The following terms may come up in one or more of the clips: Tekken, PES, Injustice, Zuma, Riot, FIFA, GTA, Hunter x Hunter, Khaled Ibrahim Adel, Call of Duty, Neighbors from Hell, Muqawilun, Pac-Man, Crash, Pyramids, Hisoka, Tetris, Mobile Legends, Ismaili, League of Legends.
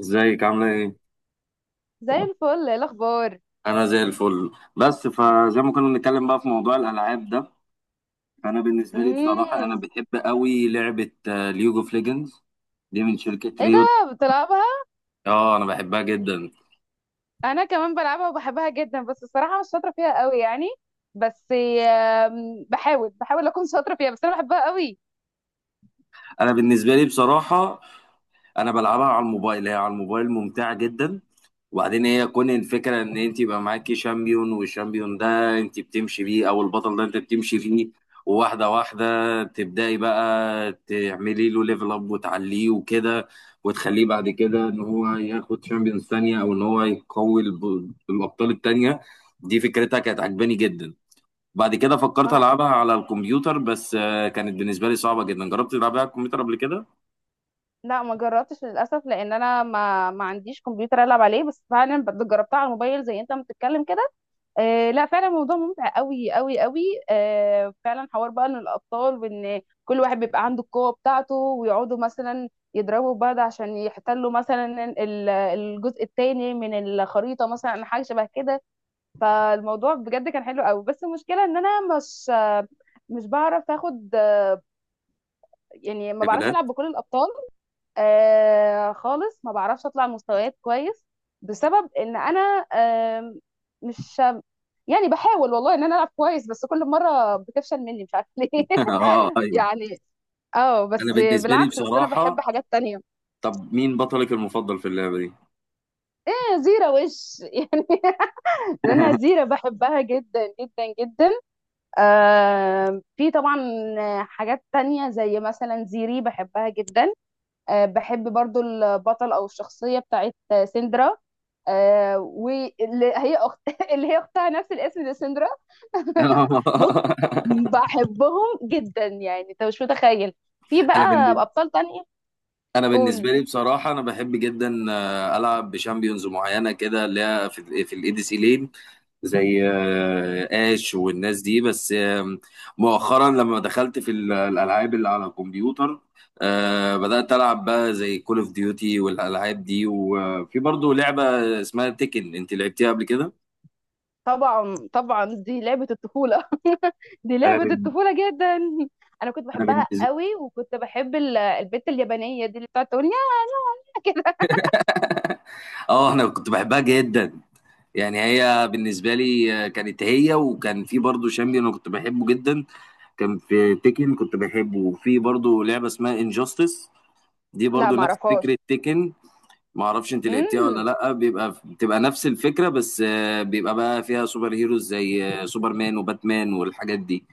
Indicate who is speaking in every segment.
Speaker 1: ازيك عامله ايه؟
Speaker 2: زي الفل. ايه الاخبار؟
Speaker 1: انا زي الفل. بس فزي ما كنا بنتكلم بقى في موضوع الالعاب ده، فانا بالنسبه لي بصراحه انا
Speaker 2: امم.
Speaker 1: بحب قوي لعبه ليج اوف ليجندز. دي من شركه
Speaker 2: ايه ده؟
Speaker 1: ريوت.
Speaker 2: بتلعبها؟
Speaker 1: اه انا بحبها جدا.
Speaker 2: انا كمان بلعبها وبحبها جدا، بس الصراحه مش شاطره فيها قوي يعني. بس بحاول اكون شاطره فيها، بس انا بحبها قوي.
Speaker 1: انا بالنسبه لي بصراحه انا بلعبها على الموبايل، هي على الموبايل ممتعه جدا. وبعدين هي كون الفكره ان انت يبقى معاكي شامبيون، والشامبيون ده انت بتمشي بيه، او البطل ده انت بتمشي فيه. وواحده واحده تبداي بقى تعملي له ليفل اب وتعليه وكده، وتخليه بعد كده ان هو ياخد شامبيونز تانية، او ان هو يقوي الابطال التانية. دي فكرتها كانت عجباني جدا. بعد كده فكرت
Speaker 2: ما
Speaker 1: العبها على الكمبيوتر، بس كانت بالنسبه لي صعبه جدا. جربت تلعبها على الكمبيوتر قبل كده؟
Speaker 2: لا، ما جربتش للاسف، لان انا ما عنديش كمبيوتر العب عليه، بس فعلا جربتها على الموبايل زي انت ما بتتكلم كده. آه لا، فعلا موضوع ممتع قوي قوي قوي. آه فعلا، حوار بقى ان الابطال وان كل واحد بيبقى عنده القوه بتاعته ويقعدوا مثلا يضربوا بعض عشان يحتلوا مثلا الجزء التاني من الخريطه، مثلا حاجه شبه كده. فالموضوع بجد كان حلو قوي، بس المشكله ان انا مش بعرف اخد، يعني ما بعرفش
Speaker 1: ليفلات.
Speaker 2: العب بكل الابطال. آه خالص ما بعرفش اطلع مستويات كويس. بسبب ان انا مش يعني بحاول والله ان انا العب كويس، بس كل مره بتفشل مني، مش عارفه ليه.
Speaker 1: اه ايوه.
Speaker 2: يعني، اه
Speaker 1: انا
Speaker 2: بس
Speaker 1: بالنسبه لي
Speaker 2: بالعكس، بس انا بحب
Speaker 1: بصراحه،
Speaker 2: حاجات تانية.
Speaker 1: طب مين بطلك المفضل في اللعبة دي؟
Speaker 2: أنا زيرة وش. يعني، انا زيرة بحبها جدا جدا جدا. آه، في طبعا حاجات تانية زي مثلا زيري بحبها جدا. آه، بحب برضو البطل او الشخصية بتاعت سندرا. آه، واللي هي أخت اللي هي اختها، نفس الاسم دي سندرا. بص، بحبهم جدا يعني انت مش متخيل. في
Speaker 1: انا
Speaker 2: بقى
Speaker 1: بالنسبة
Speaker 2: ابطال تانية.
Speaker 1: انا بالنسبة
Speaker 2: قول.
Speaker 1: لي بصراحة انا بحب جدا، العب بشامبيونز معينة كده اللي هي في الاي دي سي لين. زي اش والناس دي، بس مؤخرا لما دخلت في الالعاب اللي على الكمبيوتر. بدأت ألعب بقى زي كول اوف ديوتي والألعاب دي، وفي برضو لعبة اسمها تيكن، انت لعبتيها قبل كده؟
Speaker 2: طبعا طبعا، دي لعبة الطفولة. دي
Speaker 1: انا
Speaker 2: لعبة
Speaker 1: بال...
Speaker 2: الطفولة جدا. انا كنت
Speaker 1: انا
Speaker 2: بحبها
Speaker 1: بالنسبه
Speaker 2: قوي، وكنت بحب البت اليابانية دي اللي بتقعد تقول يا. كده.
Speaker 1: اه انا كنت بحبها جدا. يعني هي بالنسبة لي كانت هي، وكان في برضه شامبيون أنا كنت بحبه جدا. كان في تيكن كنت بحبه، وفي برضه لعبة اسمها انجاستس، دي
Speaker 2: لا،
Speaker 1: برضه
Speaker 2: ما
Speaker 1: نفس
Speaker 2: اعرفهاش.
Speaker 1: فكرة تيكن. ما اعرفش انت لعبتيها ولا
Speaker 2: امم.
Speaker 1: لا. بيبقى بتبقى نفس الفكرة، بس بيبقى بقى فيها سوبر هيروز زي سوبرمان وباتمان والحاجات دي.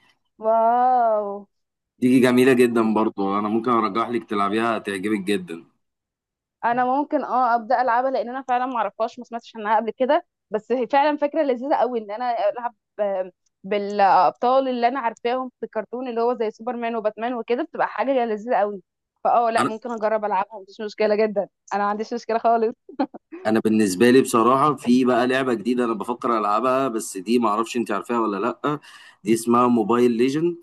Speaker 2: واو.
Speaker 1: دي جميلة جدا برضه، انا ممكن ارجح لك تلعبيها هتعجبك جدا.
Speaker 2: انا ممكن ابدا العبها، لان انا فعلا ما اعرفهاش، ما سمعتش عنها قبل كده، بس هي فعلا فكره لذيذه قوي ان انا العب آه، بالابطال اللي انا عارفاهم في الكرتون، اللي هو زي سوبرمان وباتمان وكده، بتبقى حاجه لذيذه قوي. فاه لا، ممكن اجرب العبها، ما عنديش مشكله جدا. انا ما عنديش مشكله خالص.
Speaker 1: انا بالنسبه لي بصراحه في بقى لعبه جديده انا بفكر العبها، بس دي ما اعرفش انت عارفاها ولا لا. دي اسمها موبايل ليجند.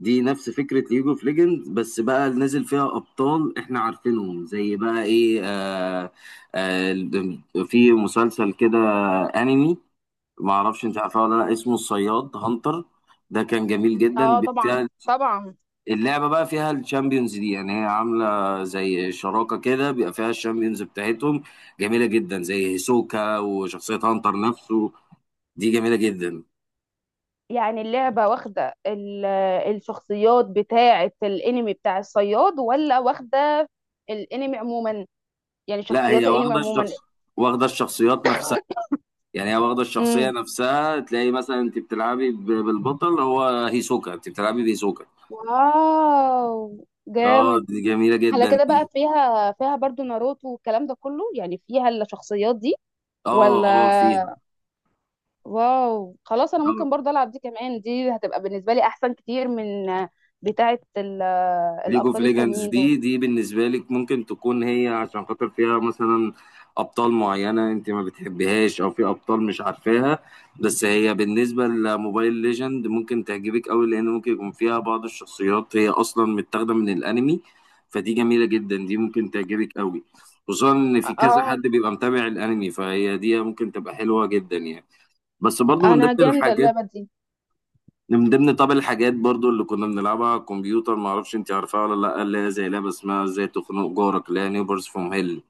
Speaker 1: دي نفس فكره ليج اوف ليجند، بس بقى نازل فيها ابطال احنا عارفينهم، زي بقى ايه آه في مسلسل كده، انمي. ما اعرفش انت عارفاه ولا لا، اسمه الصياد هانتر. ده كان جميل جدا.
Speaker 2: اه، طبعا طبعا.
Speaker 1: اللعبة بقى فيها الشامبيونز دي، يعني هي عاملة زي شراكة كده، بيبقى فيها الشامبيونز بتاعتهم جميلة جدا، زي هيسوكا وشخصية هانتر نفسه. دي جميلة جدا.
Speaker 2: يعني اللعبه واخده الشخصيات بتاعه الانمي بتاع الصياد، ولا واخده الانمي عموما، يعني
Speaker 1: لا، هي
Speaker 2: شخصيات الانمي
Speaker 1: واخدة
Speaker 2: عموما؟
Speaker 1: الشخص واخدة الشخصيات نفسها. يعني هي واخدة الشخصية نفسها، تلاقي مثلا انت بتلعبي بالبطل، هو هيسوكا انت بتلعبي بهيسوكا.
Speaker 2: واو،
Speaker 1: اه
Speaker 2: جامد.
Speaker 1: دي جميلة
Speaker 2: على
Speaker 1: جدا
Speaker 2: كده
Speaker 1: دي.
Speaker 2: بقى، فيها برضو ناروتو والكلام ده كله، يعني فيها الشخصيات دي
Speaker 1: اه اه فيها.
Speaker 2: ولا؟ واو خلاص، انا ممكن برضو العب دي كمان، دي هتبقى بالنسبة لي احسن كتير من بتاعة
Speaker 1: ليج اوف
Speaker 2: الابطال
Speaker 1: ليجندز
Speaker 2: التانيين دول.
Speaker 1: دي بالنسبه لك ممكن تكون هي عشان خاطر فيها مثلا ابطال معينه انت ما بتحبيهاش، او في ابطال مش عارفاها. بس هي بالنسبه لموبايل ليجند ممكن تعجبك قوي، لان ممكن يكون فيها بعض الشخصيات هي اصلا متاخده من الانمي. فدي جميله جدا، دي ممكن تعجبك قوي. خصوصا ان في كذا حد
Speaker 2: اه.
Speaker 1: بيبقى متابع الانمي، فهي دي ممكن تبقى حلوه جدا يعني. بس برضو من
Speaker 2: انا
Speaker 1: ضمن
Speaker 2: جامدة
Speaker 1: الحاجات،
Speaker 2: اللعبة دي.
Speaker 1: من ضمن طب الحاجات برضو اللي كنا بنلعبها على الكمبيوتر، ما اعرفش انت عارفاها ولا لا، اللي هي زي لعبه اسمها ازاي تخنق جارك، اللي هي نيبرز فروم هيل.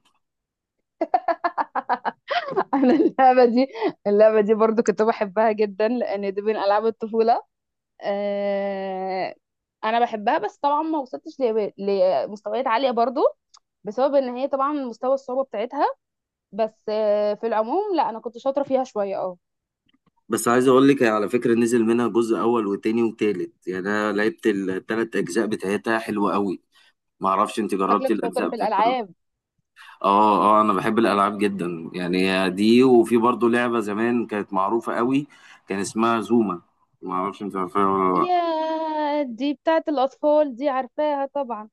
Speaker 2: انا اللعبة دي برضو كنت بحبها جدا، لان دي من العاب الطفولة. آه، انا بحبها، بس طبعا ما وصلتش لمستويات عالية برضو، بسبب ان هي طبعا مستوى الصعوبه بتاعتها. بس في العموم لا، انا كنت شاطره فيها شويه اه.
Speaker 1: بس عايز اقول لك هي على فكره نزل منها جزء اول وتاني وتالت، يعني انا لعبت التلات اجزاء بتاعتها حلوه قوي. ما اعرفش انت جربتي
Speaker 2: شكلك
Speaker 1: الاجزاء
Speaker 2: شاطر في
Speaker 1: بتاعتها ولا لأ.
Speaker 2: الالعاب.
Speaker 1: اه اه انا بحب الالعاب جدا، يعني دي، وفي برضو لعبه زمان كانت معروفه قوي، كان اسمها زوما. ما اعرفش انت عارفاها ولا لا.
Speaker 2: يا دي بتاعت الاطفال، دي عارفاها طبعا.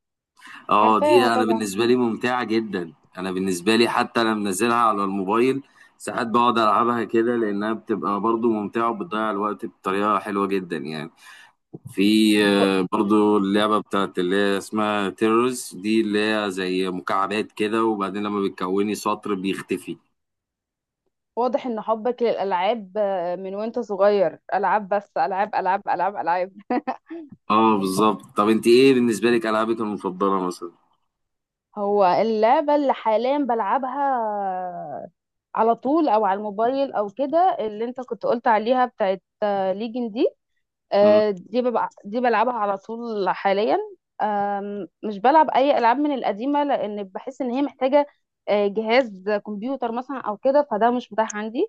Speaker 1: اه دي
Speaker 2: عارفاها
Speaker 1: انا
Speaker 2: طبعا.
Speaker 1: بالنسبه لي ممتعه جدا، انا بالنسبه لي حتى انا منزلها على الموبايل. ساعات بقعد العبها كده لانها بتبقى برضو ممتعه، وبتضيع الوقت بطريقه حلوه جدا يعني. في
Speaker 2: ف-
Speaker 1: برضو اللعبه بتاعت اللي هي اسمها تيرورز دي، اللي هي زي مكعبات كده، وبعدين لما بتكوني سطر بيختفي.
Speaker 2: واضح ان حبك للالعاب من وانت صغير، العاب بس، العاب العاب العاب العاب.
Speaker 1: اه بالظبط. طب انت ايه بالنسبه لك العابك المفضله مثلا؟
Speaker 2: هو اللعبه اللي حاليا بلعبها على طول او على الموبايل او كده، اللي انت كنت قلت عليها بتاعت ليجن دي.
Speaker 1: مم.
Speaker 2: دي ببقى دي بلعبها على طول حاليا. مش بلعب اي العاب من القديمه، لان بحس ان هي محتاجه جهاز كمبيوتر مثلا او كده، فده مش متاح عندي.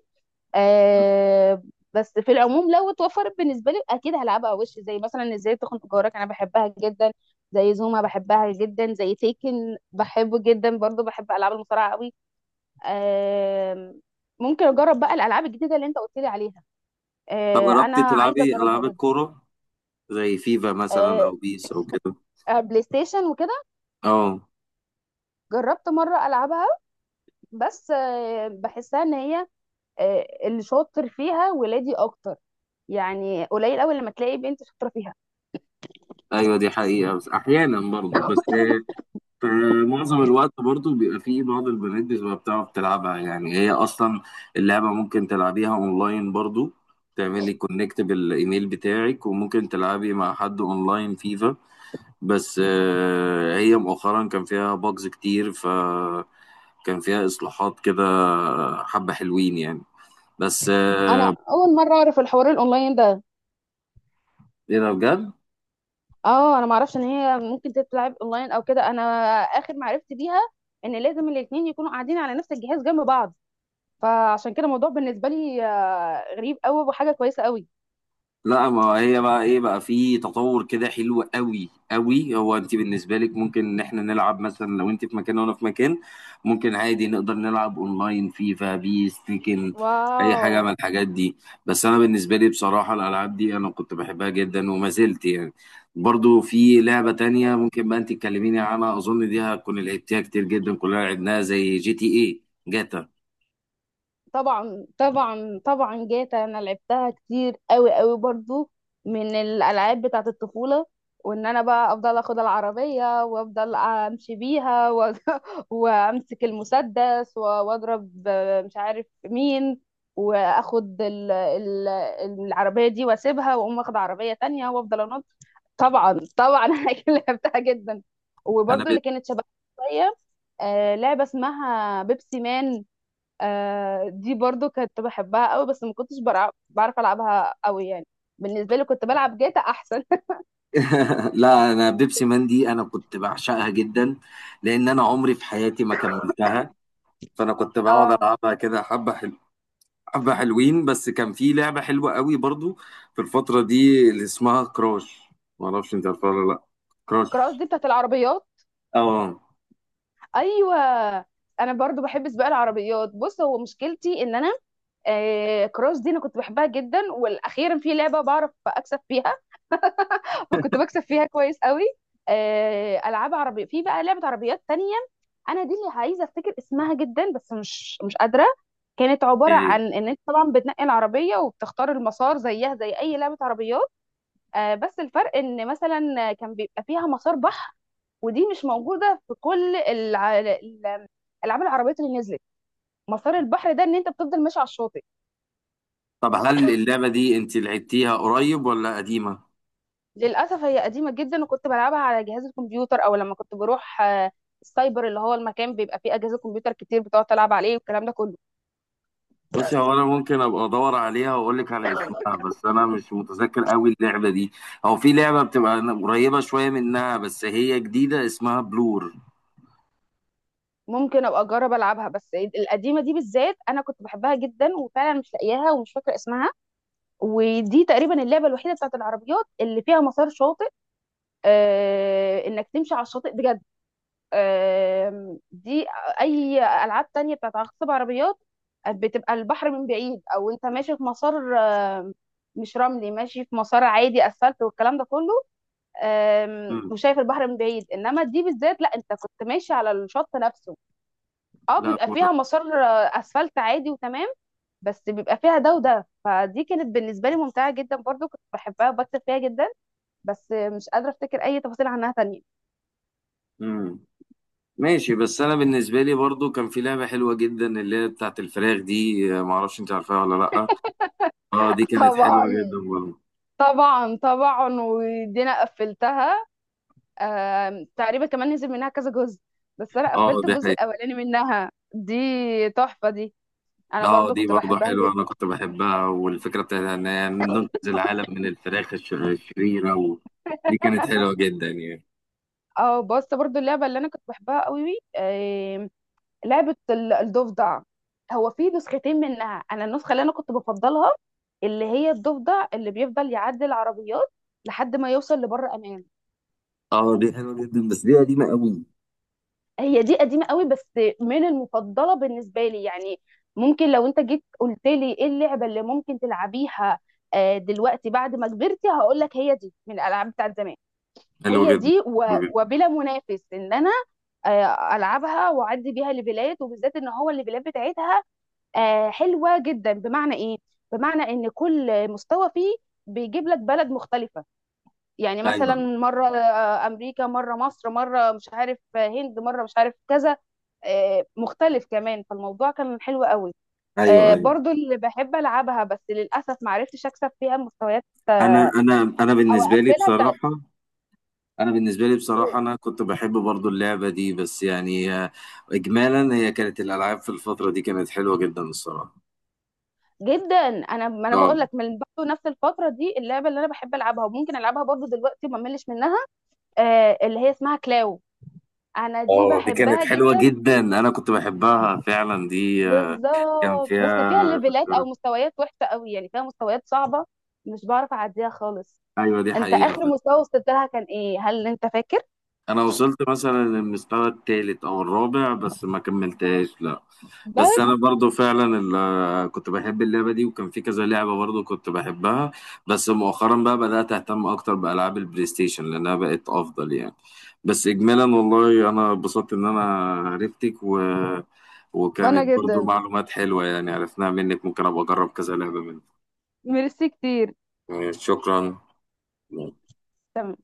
Speaker 2: آه، بس في العموم لو اتوفرت بالنسبه لي اكيد هلعبها. وش زي مثلا ازاي تخنق جارك انا بحبها جدا، زي زوما بحبها جدا، زي تيكن بحبه جدا، برضو بحب العاب المصارعه قوي. آم، ممكن اجرب بقى الالعاب الجديده اللي انت قلت لي عليها،
Speaker 1: طب
Speaker 2: انا
Speaker 1: جربتي
Speaker 2: عايزه
Speaker 1: تلعبي
Speaker 2: اجربها
Speaker 1: العاب
Speaker 2: جدا.
Speaker 1: الكوره زي فيفا مثلا
Speaker 2: آه،
Speaker 1: او بيس او كده؟
Speaker 2: آه، بلاي ستيشن وكده.
Speaker 1: اه.
Speaker 2: جربت مرة ألعبها، بس بحسها إن هي اللي شاطر فيها ولادي أكتر. يعني قليل أوي لما تلاقي بنت شاطرة فيها.
Speaker 1: ايوه دي حقيقة، بس احيانا برضو بس في معظم الوقت برضو بيبقى في بعض البنات بتبقى بتعرف تلعبها، يعني هي اصلا اللعبة ممكن تلعبيها اونلاين برضو. تعملي كونكت بالايميل بتاعك، وممكن تلعبي مع حد اونلاين فيفا. بس هي مؤخرا كان فيها باجز كتير، ف كان فيها اصلاحات كده حبة حلوين يعني. بس آه،
Speaker 2: أنا أول مرة أعرف الحوار الأونلاين ده.
Speaker 1: ايه ده بجد؟
Speaker 2: اه، أنا معرفش إن هي ممكن تتلعب أونلاين أو كده. أنا آخر معرفتي بيها إن لازم الاتنين يكونوا قاعدين على نفس الجهاز جنب بعض، فعشان كده الموضوع بالنسبة لي غريب أوي وحاجة كويسة أوي.
Speaker 1: لا ما هي بقى ايه، بقى في تطور كده حلو قوي قوي. هو انت بالنسبه لك ممكن ان احنا نلعب مثلا لو انت في مكان وانا في مكان، ممكن عادي نقدر نلعب اونلاين فيفا بيس تيكن اي
Speaker 2: واو.
Speaker 1: حاجه من الحاجات دي. بس انا بالنسبه لي بصراحه الالعاب دي انا كنت بحبها جدا وما زلت يعني. برضو في لعبه تانية ممكن بقى انت تكلميني عنها، اظن دي هتكون لعبتيها كتير جدا كلنا لعبناها، زي جي تي اي، جاتا.
Speaker 2: طبعا طبعا طبعا، جاتا انا لعبتها كتير قوي قوي، برضو من الالعاب بتاعه الطفوله. وان انا بقى افضل اخد العربيه وافضل امشي بيها و. وامسك المسدس واضرب، مش عارف مين. واخد العربيه دي واسيبها، واقوم واخد عربيه تانية وافضل انط. طبعا طبعا. انا أكيد لعبتها جدا.
Speaker 1: انا
Speaker 2: وبرضو اللي كانت شبه شويه، لعبه اسمها بيبسي مان، دي برضو كنت بحبها قوي، بس ما كنتش بعرف العبها قوي يعني. بالنسبه لي كنت بلعب جاتا احسن.
Speaker 1: لا انا بيبسي مان دي انا كنت بعشقها جدا، لان انا عمري في حياتي ما كملتها. فانا كنت بقعد
Speaker 2: اه،
Speaker 1: العبها كده حبه حلوين. بس كان في لعبه حلوه قوي برضو في الفتره دي اللي اسمها كراش. ما اعرفش انت عارفها ولا لا.
Speaker 2: كراس
Speaker 1: كراش.
Speaker 2: دي بتاعت العربيات.
Speaker 1: اه.
Speaker 2: ايوه، انا برضو بحب سباق العربيات. بص، هو مشكلتي ان انا كراس دي انا كنت بحبها جدا، والاخيرا في لعبه بعرف اكسب فيها. فكنت بكسب فيها كويس قوي. العاب عربيه، في بقى لعبه عربيات تانية انا دي اللي عايزه افتكر اسمها جدا، بس مش قادره. كانت عباره
Speaker 1: إيه.
Speaker 2: عن ان انت طبعا بتنقي العربيه وبتختار المسار، زيها زي اي لعبه عربيات. بس الفرق ان مثلا كان بيبقى فيها مسار بحر، ودي مش موجوده في كل الالعاب العربيات اللي نزلت. مسار البحر ده ان انت بتفضل ماشي على الشاطئ.
Speaker 1: طب هل اللعبه دي انت لعبتيها قريب ولا قديمه؟
Speaker 2: للاسف هي قديمه جدا، وكنت بلعبها على جهاز الكمبيوتر، او لما كنت بروح السايبر، اللي هو المكان بيبقى فيه اجهزه كمبيوتر كتير بتقعد تلعب عليه والكلام ده كله.
Speaker 1: بصي هو انا ممكن ابقى ادور عليها واقول لك على اسمها، بس انا مش متذكر قوي اللعبه دي. هو في لعبه بتبقى قريبه شويه منها بس هي جديده اسمها بلور.
Speaker 2: ممكن ابقى اجرب العبها، بس القديمه دي بالذات انا كنت بحبها جدا وفعلا مش لاقياها ومش فاكره اسمها. ودي تقريبا اللعبه الوحيده بتاعت العربيات اللي فيها مسار شاطئ، انك تمشي على الشاطئ بجد. دي، اي العاب تانية بتاعت عصب عربيات بتبقى البحر من بعيد، او انت ماشي في مسار مش رملي، ماشي في مسار عادي اسفلت والكلام ده كله.
Speaker 1: مم.
Speaker 2: وشايف البحر من بعيد، انما دي بالذات لا، انت كنت ماشي على الشط نفسه. اه
Speaker 1: لا
Speaker 2: بيبقى
Speaker 1: هو-
Speaker 2: فيها مسار اسفلت عادي، وتمام. بس بيبقى فيها ده وده، فدي كانت بالنسبه لي ممتعه جدا برضو، كنت بحبها وبكتب فيها جدا، بس مش قادره افتكر اي تفاصيل عنها تانية.
Speaker 1: مم. ماشي. بس انا بالنسبه لي برضو كان في لعبه حلوه جدا اللي هي بتاعت الفراخ دي. ما اعرفش انت عارفاها ولا لا. اه دي كانت حلوه
Speaker 2: طبعا
Speaker 1: جدا برضو.
Speaker 2: طبعا طبعا، ودي انا قفلتها. تقريبا كمان نزل منها كذا جزء، بس انا
Speaker 1: اه
Speaker 2: قفلت
Speaker 1: دي
Speaker 2: الجزء
Speaker 1: حقيقة.
Speaker 2: الاولاني منها دي. تحفه دي، انا
Speaker 1: اه
Speaker 2: برضو
Speaker 1: دي
Speaker 2: كنت
Speaker 1: برضو
Speaker 2: بحبها
Speaker 1: حلوه،
Speaker 2: جدا.
Speaker 1: انا كنت بحبها، والفكره بتاعتها ان هي ننقذ العالم من الفراخ الشريره دي كانت حلوه جدا يعني.
Speaker 2: اه بص، برضو اللعبه اللي انا كنت بحبها قوي لعبة الضفدع. هو في نسختين منها، انا النسخة اللي انا كنت بفضلها اللي هي الضفدع اللي بيفضل يعدي العربيات لحد ما يوصل لبر امان.
Speaker 1: اه دي حلوه جدا بس دي قديمه قوي.
Speaker 2: هي دي قديمة قوي، بس من المفضلة بالنسبة لي يعني. ممكن لو انت جيت قلت لي ايه اللعبة اللي ممكن تلعبيها دلوقتي بعد ما كبرتي، هقول لك هي دي من الالعاب بتاعت زمان.
Speaker 1: حلو
Speaker 2: هي
Speaker 1: جدا.
Speaker 2: دي
Speaker 1: حلو جدا.
Speaker 2: وبلا منافس ان انا العبها واعدي بيها لبلاد، وبالذات ان هو الليفلات بتاعتها حلوه جدا. بمعنى ايه؟ بمعنى ان كل مستوى فيه بيجيب لك بلد مختلفه. يعني
Speaker 1: ايوه.
Speaker 2: مثلا مره امريكا، مره مصر، مره مش عارف هند، مره مش عارف كذا مختلف كمان. فالموضوع كان حلو قوي.
Speaker 1: ايوه ايوه.
Speaker 2: برضو اللي بحب العبها، بس للاسف ما عرفتش اكسب فيها المستويات
Speaker 1: انا
Speaker 2: او
Speaker 1: بالنسبه لي
Speaker 2: اقفلها بتاعت
Speaker 1: بصراحه، انا بالنسبه لي بصراحه
Speaker 2: كورونا.
Speaker 1: انا كنت بحب برضو اللعبه دي، بس يعني اجمالا هي كانت الالعاب في الفتره دي كانت حلوه جدا الصراحه.
Speaker 2: جدا، انا ما انا
Speaker 1: اه
Speaker 2: بقول لك من برضه نفس الفتره دي اللعبه اللي انا بحب العبها وممكن العبها برضه دلوقتي وما ملش منها، اللي هي اسمها كلاو. انا دي
Speaker 1: اه دي كانت
Speaker 2: بحبها
Speaker 1: حلوه
Speaker 2: جدا.
Speaker 1: جدا انا كنت بحبها فعلا دي، كان
Speaker 2: بالظبط، بس
Speaker 1: فيها.
Speaker 2: فيها ليفلات او مستويات وحشه قوي، يعني فيها مستويات صعبه مش بعرف اعديها خالص.
Speaker 1: ايوه دي
Speaker 2: انت
Speaker 1: حقيقه.
Speaker 2: اخر مستوى وصلت لها كان ايه؟ هل انت فاكر؟
Speaker 1: انا وصلت مثلا للمستوى الثالث او الرابع بس ما كملتهاش لا. بس
Speaker 2: بس.
Speaker 1: انا برضو فعلا كنت بحب اللعبه دي، وكان في كذا لعبه برضو كنت بحبها. بس مؤخرا بقى بدات اهتم اكتر بالعاب البلاي ستيشن لانها بقت افضل يعني. بس اجمالا والله انا اتبسطت ان انا عرفتك،
Speaker 2: وانا
Speaker 1: وكانت برضو
Speaker 2: جدا،
Speaker 1: معلومات حلوه يعني عرفناها منك، ممكن ابقى اجرب كذا لعبه منك.
Speaker 2: ميرسي كتير.
Speaker 1: شكرا.
Speaker 2: تمام.